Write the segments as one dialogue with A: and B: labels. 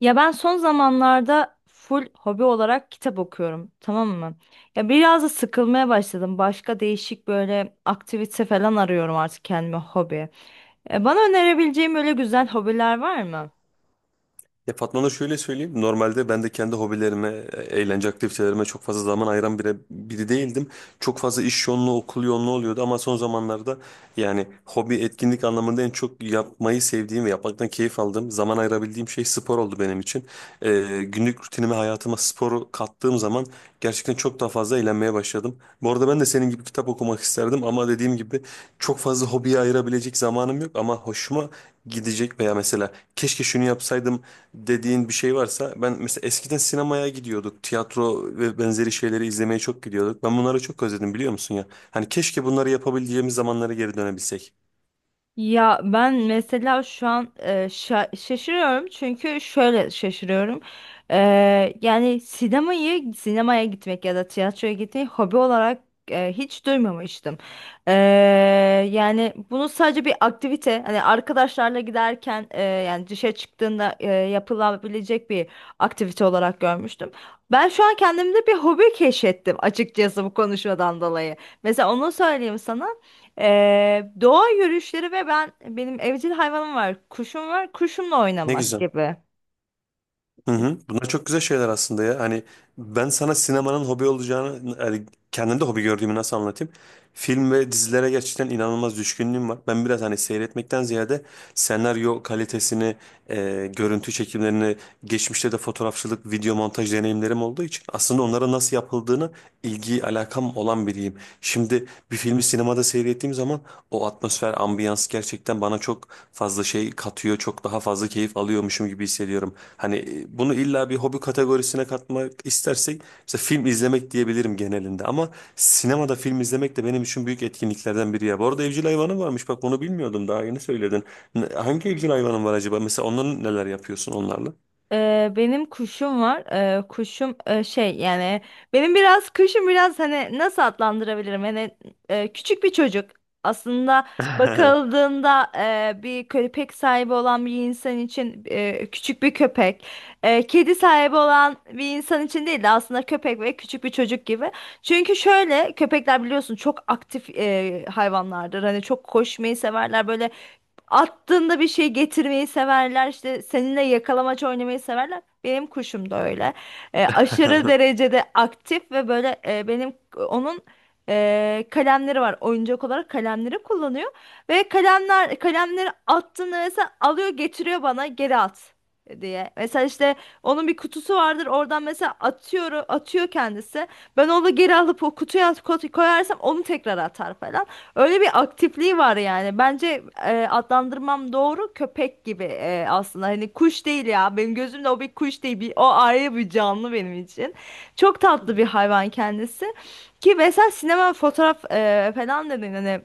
A: Ya ben son zamanlarda full hobi olarak kitap okuyorum, tamam mı? Ya biraz da sıkılmaya başladım. Başka değişik böyle aktivite falan arıyorum artık kendime hobi. Bana önerebileceğim öyle güzel hobiler var mı?
B: Ya Fatma Nur şöyle söyleyeyim. Normalde ben de kendi hobilerime, eğlence aktivitelerime çok fazla zaman ayıran biri değildim. Çok fazla iş yoğunluğu, okul yoğunluğu oluyordu ama son zamanlarda yani hobi etkinlik anlamında en çok yapmayı sevdiğim ve yapmaktan keyif aldığım, zaman ayırabildiğim şey spor oldu benim için. Günlük rutinime, hayatıma sporu kattığım zaman gerçekten çok daha fazla eğlenmeye başladım. Bu arada ben de senin gibi kitap okumak isterdim ama dediğim gibi çok fazla hobiye ayırabilecek zamanım yok ama hoşuma gidecek veya mesela keşke şunu yapsaydım dediğin bir şey varsa ben mesela eskiden sinemaya gidiyorduk. Tiyatro ve benzeri şeyleri izlemeye çok gidiyorduk. Ben bunları çok özledim biliyor musun ya? Hani keşke bunları yapabileceğimiz zamanlara geri dönebilsek.
A: Ya ben mesela şu an şaşırıyorum çünkü şöyle şaşırıyorum. E, Yani sinemaya gitmek ya da tiyatroya gitmeyi hobi olarak hiç duymamıştım. E, Yani bunu sadece bir aktivite, hani arkadaşlarla giderken, yani dışarı çıktığında yapılabilecek bir aktivite olarak görmüştüm. Ben şu an kendimde bir hobi keşfettim açıkçası, bu konuşmadan dolayı. Mesela onu söyleyeyim sana. Doğa yürüyüşleri ve benim evcil hayvanım var. Kuşum var. Kuşumla
B: Ne
A: oynamak
B: güzel.
A: gibi.
B: Hı hı. Bunlar çok güzel şeyler aslında ya. Hani ben sana sinemanın hobi olacağını, yani kendimde hobi gördüğümü nasıl anlatayım? Film ve dizilere gerçekten inanılmaz düşkünlüğüm var. Ben biraz hani seyretmekten ziyade senaryo kalitesini, görüntü çekimlerini, geçmişte de fotoğrafçılık, video montaj deneyimlerim olduğu için aslında onlara nasıl yapıldığını ilgi alakam olan biriyim. Şimdi bir filmi sinemada seyrettiğim zaman o atmosfer, ambiyans gerçekten bana çok fazla şey katıyor. Çok daha fazla keyif alıyormuşum gibi hissediyorum. Hani bunu illa bir hobi kategorisine katmak istersek mesela film izlemek diyebilirim genelinde. Ama sinemada film izlemek de benim için büyük etkinliklerden biri ya. Bu arada evcil hayvanın varmış. Bak onu bilmiyordum. Daha yeni söyledin. Hangi evcil hayvanın var acaba? Mesela onların neler yapıyorsun onlarla?
A: Benim kuşum var. Kuşum, şey, yani benim biraz kuşum biraz, hani nasıl adlandırabilirim? Hani küçük bir çocuk. Aslında bakıldığında, bir köpek sahibi olan bir insan için küçük bir köpek. Kedi sahibi olan bir insan için değil de aslında köpek ve küçük bir çocuk gibi. Çünkü şöyle, köpekler biliyorsun çok aktif hayvanlardır. Hani çok koşmayı severler, böyle attığında bir şey getirmeyi severler, işte seninle yakalamaç oynamayı severler. Benim kuşum da öyle. Aşırı derecede aktif ve böyle, benim onun kalemleri var. Oyuncak olarak kalemleri kullanıyor ve kalemleri attığında mesela alıyor, getiriyor bana, geri at diye. Mesela işte onun bir kutusu vardır. Oradan mesela atıyor atıyor kendisi. Ben onu geri alıp o kutuya koyarsam onu tekrar atar falan. Öyle bir aktifliği var yani. Bence adlandırmam doğru, köpek gibi aslında. Hani kuş değil ya. Benim gözümde o bir kuş değil. Bir, o ayrı bir canlı benim için. Çok tatlı bir hayvan kendisi. Ki mesela sinema, fotoğraf falan dedin, hani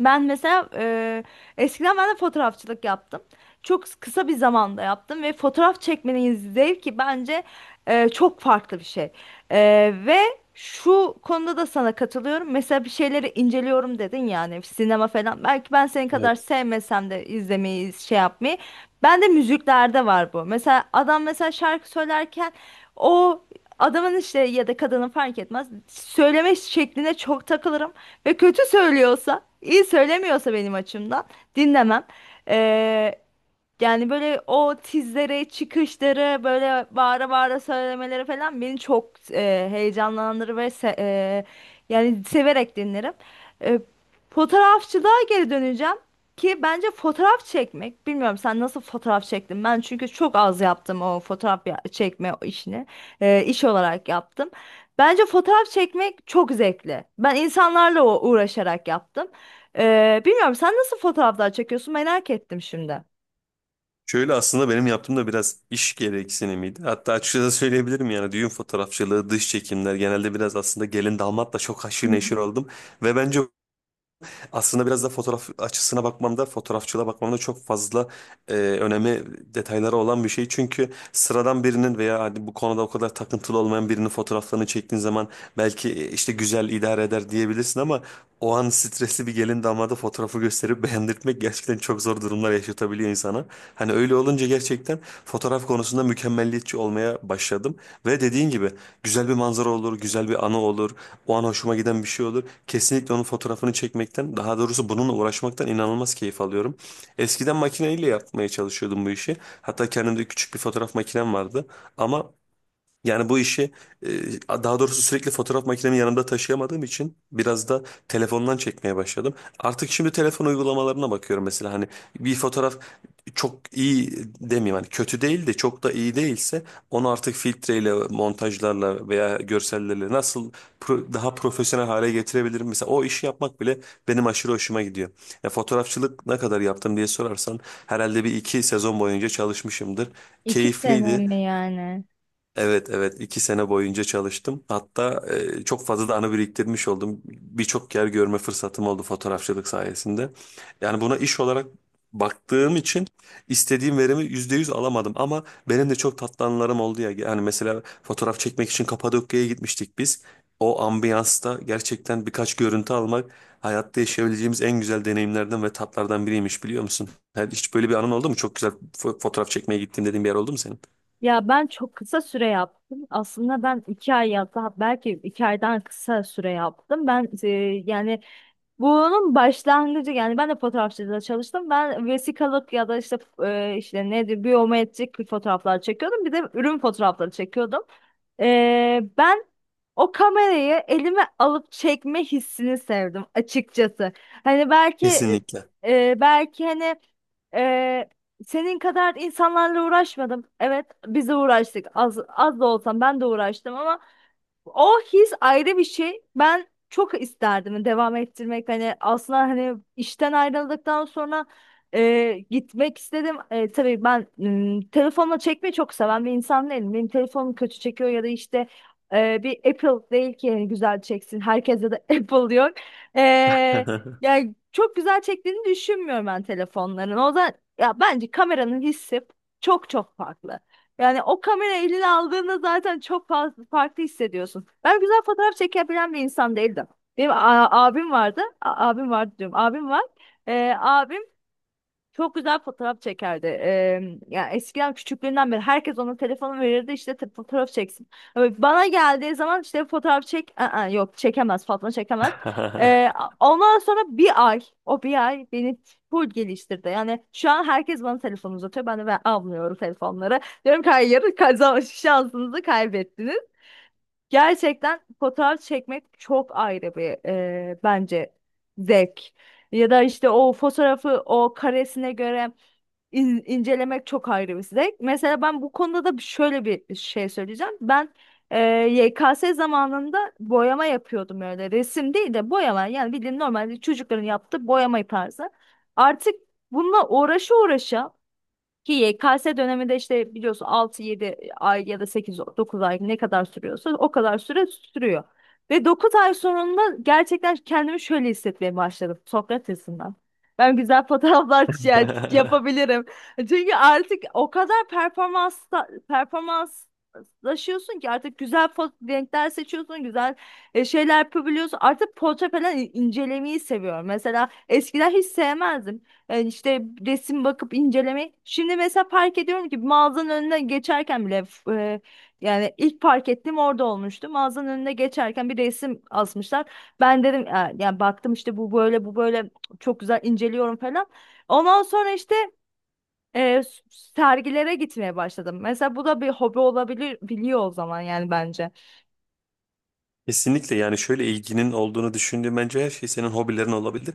A: ben mesela, eskiden ben de fotoğrafçılık yaptım. Çok kısa bir zamanda yaptım ve fotoğraf çekmenin zevki bence çok farklı bir şey. E, ve şu konuda da sana katılıyorum. Mesela bir şeyleri inceliyorum dedin yani, sinema falan. Belki ben senin kadar
B: Evet.
A: sevmesem de izlemeyi, şey yapmayı. Ben de müziklerde var bu. Mesela adam mesela şarkı söylerken o adamın işte ya da kadının, fark etmez, söyleme şekline çok takılırım ve kötü söylüyorsa, iyi söylemiyorsa benim açımdan dinlemem. Ee, Yani böyle o tizleri, çıkışları, böyle bağıra bağıra söylemeleri falan beni çok heyecanlandırır ve yani severek dinlerim. E, Fotoğrafçılığa geri döneceğim, ki bence fotoğraf çekmek, bilmiyorum sen nasıl fotoğraf çektin? Ben çünkü çok az yaptım o fotoğraf çekme işini, iş olarak yaptım. Bence fotoğraf çekmek çok zevkli. Ben insanlarla uğraşarak yaptım. Bilmiyorum sen nasıl fotoğraflar çekiyorsun, merak ettim şimdi.
B: Şöyle aslında benim yaptığım da biraz iş gereksinimiydi. Hatta açıkçası söyleyebilirim yani düğün fotoğrafçılığı, dış çekimler genelde biraz aslında gelin damatla çok haşır neşir oldum. Ve bence aslında biraz da fotoğraf açısına bakmamda, fotoğrafçılığa bakmamda çok fazla önemi, detayları olan bir şey. Çünkü sıradan birinin veya hani bu konuda o kadar takıntılı olmayan birinin fotoğraflarını çektiğin zaman belki işte güzel idare eder diyebilirsin ama o an stresli bir gelin damada fotoğrafı gösterip beğendirtmek gerçekten çok zor durumlar yaşatabiliyor insana. Hani öyle olunca gerçekten fotoğraf konusunda mükemmelliyetçi olmaya başladım. Ve dediğin gibi güzel bir manzara olur, güzel bir anı olur, o an hoşuma giden bir şey olur. Kesinlikle onun fotoğrafını çekmekten, daha doğrusu bununla uğraşmaktan inanılmaz keyif alıyorum. Eskiden makineyle yapmaya çalışıyordum bu işi. Hatta kendimde küçük bir fotoğraf makinem vardı. Ama yani bu işi e, daha doğrusu sürekli fotoğraf makinemi yanımda taşıyamadığım için biraz da telefondan çekmeye başladım. Artık şimdi telefon uygulamalarına bakıyorum mesela hani bir fotoğraf çok iyi demeyeyim hani kötü değil de çok da iyi değilse onu artık filtreyle, montajlarla veya görsellerle nasıl daha profesyonel hale getirebilirim? Mesela o işi yapmak bile benim aşırı hoşuma gidiyor. Ya fotoğrafçılık ne kadar yaptım diye sorarsan herhalde bir iki sezon boyunca çalışmışımdır.
A: İki sene
B: Keyifliydi.
A: mi yani?
B: Evet evet, 2 sene boyunca çalıştım. Hatta çok fazla da anı biriktirmiş oldum. Birçok yer görme fırsatım oldu fotoğrafçılık sayesinde. Yani buna iş olarak baktığım için istediğim verimi %100 alamadım. Ama benim de çok tatlı anılarım oldu ya. Yani mesela fotoğraf çekmek için Kapadokya'ya gitmiştik biz. O ambiyansta gerçekten birkaç görüntü almak hayatta yaşayabileceğimiz en güzel deneyimlerden ve tatlardan biriymiş biliyor musun? Yani hiç böyle bir anın oldu mu? Çok güzel fotoğraf çekmeye gittim dediğin bir yer oldu mu senin?
A: Ya ben çok kısa süre yaptım. Aslında ben iki ay ya da belki iki aydan kısa süre yaptım. Ben, yani bunun başlangıcı, yani ben de fotoğrafçılıkta çalıştım. Ben vesikalık ya da işte işte nedir, biyometrik fotoğraflar çekiyordum. Bir de ürün fotoğrafları çekiyordum. Ben o kamerayı elime alıp çekme hissini sevdim açıkçası. Hani belki
B: Kesinlikle.
A: e, e, belki hani e, Senin kadar insanlarla uğraşmadım. Evet, biz de uğraştık. Az, az da olsam ben de uğraştım ama o his ayrı bir şey. Ben çok isterdim devam ettirmek. Hani aslında, hani işten ayrıldıktan sonra gitmek istedim. E, tabii ben telefonla çekmeyi çok seven bir insan değilim. Benim telefonum kötü çekiyor ya da işte, bir Apple değil ki yani güzel çeksin. Herkese de Apple diyor. E, Yani çok güzel çektiğini düşünmüyorum ben telefonların. O yüzden ya bence kameranın hissi çok çok farklı. Yani o kamera eline aldığında zaten çok fazla farklı hissediyorsun. Ben güzel fotoğraf çekebilen bir insan değildim. Benim abim vardı. Abim vardı diyorum. Abim var. Abim çok güzel fotoğraf çekerdi. Yani eskiden, küçüklüğünden beri herkes ona telefonu verirdi işte, fotoğraf çeksin. Ama bana geldiği zaman işte fotoğraf çek. Aa, yok, çekemez, Fatma çekemez. Eee, Ondan sonra bir ay, o bir ay beni full geliştirdi. Yani şu an herkes bana telefon uzatıyor. Ben almıyorum telefonları. Diyorum ki hayır, kazan şansınızı kaybettiniz. Gerçekten fotoğraf çekmek çok ayrı bir bence zevk. Ya da işte o fotoğrafı o karesine göre incelemek çok ayrı bir zevk. Mesela ben bu konuda da şöyle bir şey söyleyeceğim. E, YKS zamanında boyama yapıyordum öyle. Resim değil de boyama. Yani bildiğin normal çocukların yaptığı boyama tarzı. Artık bununla uğraşa uğraşa, ki YKS dönemi de işte biliyorsun, altı yedi ay ya da sekiz, dokuz ay, ne kadar sürüyorsa o kadar süre sürüyor. Ve 9 ay sonunda gerçekten kendimi şöyle hissetmeye başladım Sokrates'inden. Ben güzel fotoğraflar yapabilirim. Çünkü artık o kadar performans performanslaşıyorsun ki artık güzel renkler seçiyorsun, güzel şeyler yapabiliyorsun. Artık portre falan incelemeyi seviyorum. Mesela eskiden hiç sevmezdim. Yani işte resim bakıp incelemek. Şimdi mesela fark ediyorum ki mağazanın önüne geçerken bile yani ilk fark ettiğim orada olmuştu. Mağazanın önüne geçerken bir resim asmışlar. Ben dedim, yani baktım işte, bu böyle, bu böyle," çok güzel inceliyorum falan. Ondan sonra işte sergilere gitmeye başladım. Mesela bu da bir hobi olabilir, biliyor o zaman yani bence.
B: Kesinlikle yani şöyle ilginin olduğunu düşündüğüm bence her şey senin hobilerin olabilir.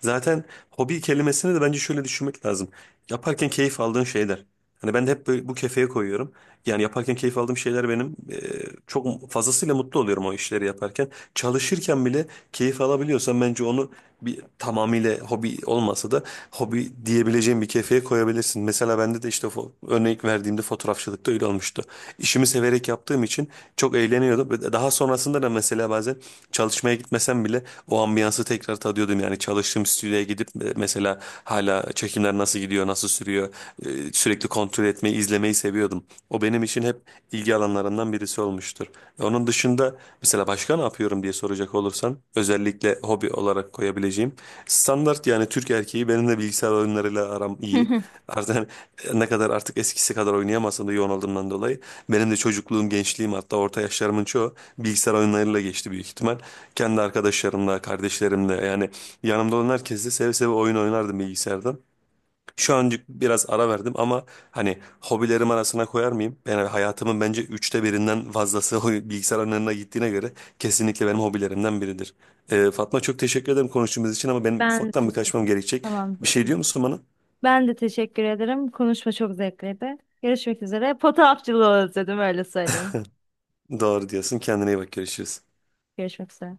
B: Zaten hobi kelimesini de bence şöyle düşünmek lazım. Yaparken keyif aldığın şeyler. Hani ben de hep böyle bu kefeye koyuyorum. Yani yaparken keyif aldığım şeyler benim çok fazlasıyla mutlu oluyorum o işleri yaparken. Çalışırken bile keyif alabiliyorsam bence onu bir tamamıyla hobi olmasa da hobi diyebileceğim bir kefeye koyabilirsin. Mesela bende de işte örnek verdiğimde fotoğrafçılıkta öyle olmuştu. İşimi severek yaptığım için çok eğleniyordum. Ve daha sonrasında da mesela bazen çalışmaya gitmesem bile o ambiyansı tekrar tadıyordum. Yani çalıştığım stüdyoya gidip mesela hala çekimler nasıl gidiyor, nasıl sürüyor sürekli kontrol etmeyi, izlemeyi seviyordum. O benim için hep ilgi alanlarından birisi olmuştur. Onun dışında mesela başka ne yapıyorum diye soracak olursan özellikle hobi olarak koyabileceğim standart yani Türk erkeği benim de bilgisayar oyunlarıyla aram
A: Hı
B: iyi.
A: hı.
B: Artık ne kadar artık eskisi kadar oynayamasam da yoğun olduğumdan dolayı benim de çocukluğum, gençliğim hatta orta yaşlarımın çoğu bilgisayar oyunlarıyla geçti büyük ihtimal. Kendi arkadaşlarımla, kardeşlerimle yani yanımda olan herkesle seve seve oyun oynardım bilgisayardan. Şu an biraz ara verdim ama hani hobilerim arasına koyar mıyım? Yani hayatımın bence üçte birinden fazlası o bilgisayar önüne gittiğine göre kesinlikle benim hobilerimden biridir. Fatma çok teşekkür ederim konuştuğumuz için ama benim
A: Ben de
B: ufaktan bir
A: teşekkür
B: kaçmam gerekecek.
A: Tamam.
B: Bir şey diyor musun bana?
A: Ben de teşekkür ederim. Konuşma çok zevkliydi. Görüşmek üzere. Fotoğrafçılığı özledim, öyle söyleyeyim.
B: Doğru diyorsun. Kendine iyi bak. Görüşürüz.
A: Görüşmek üzere.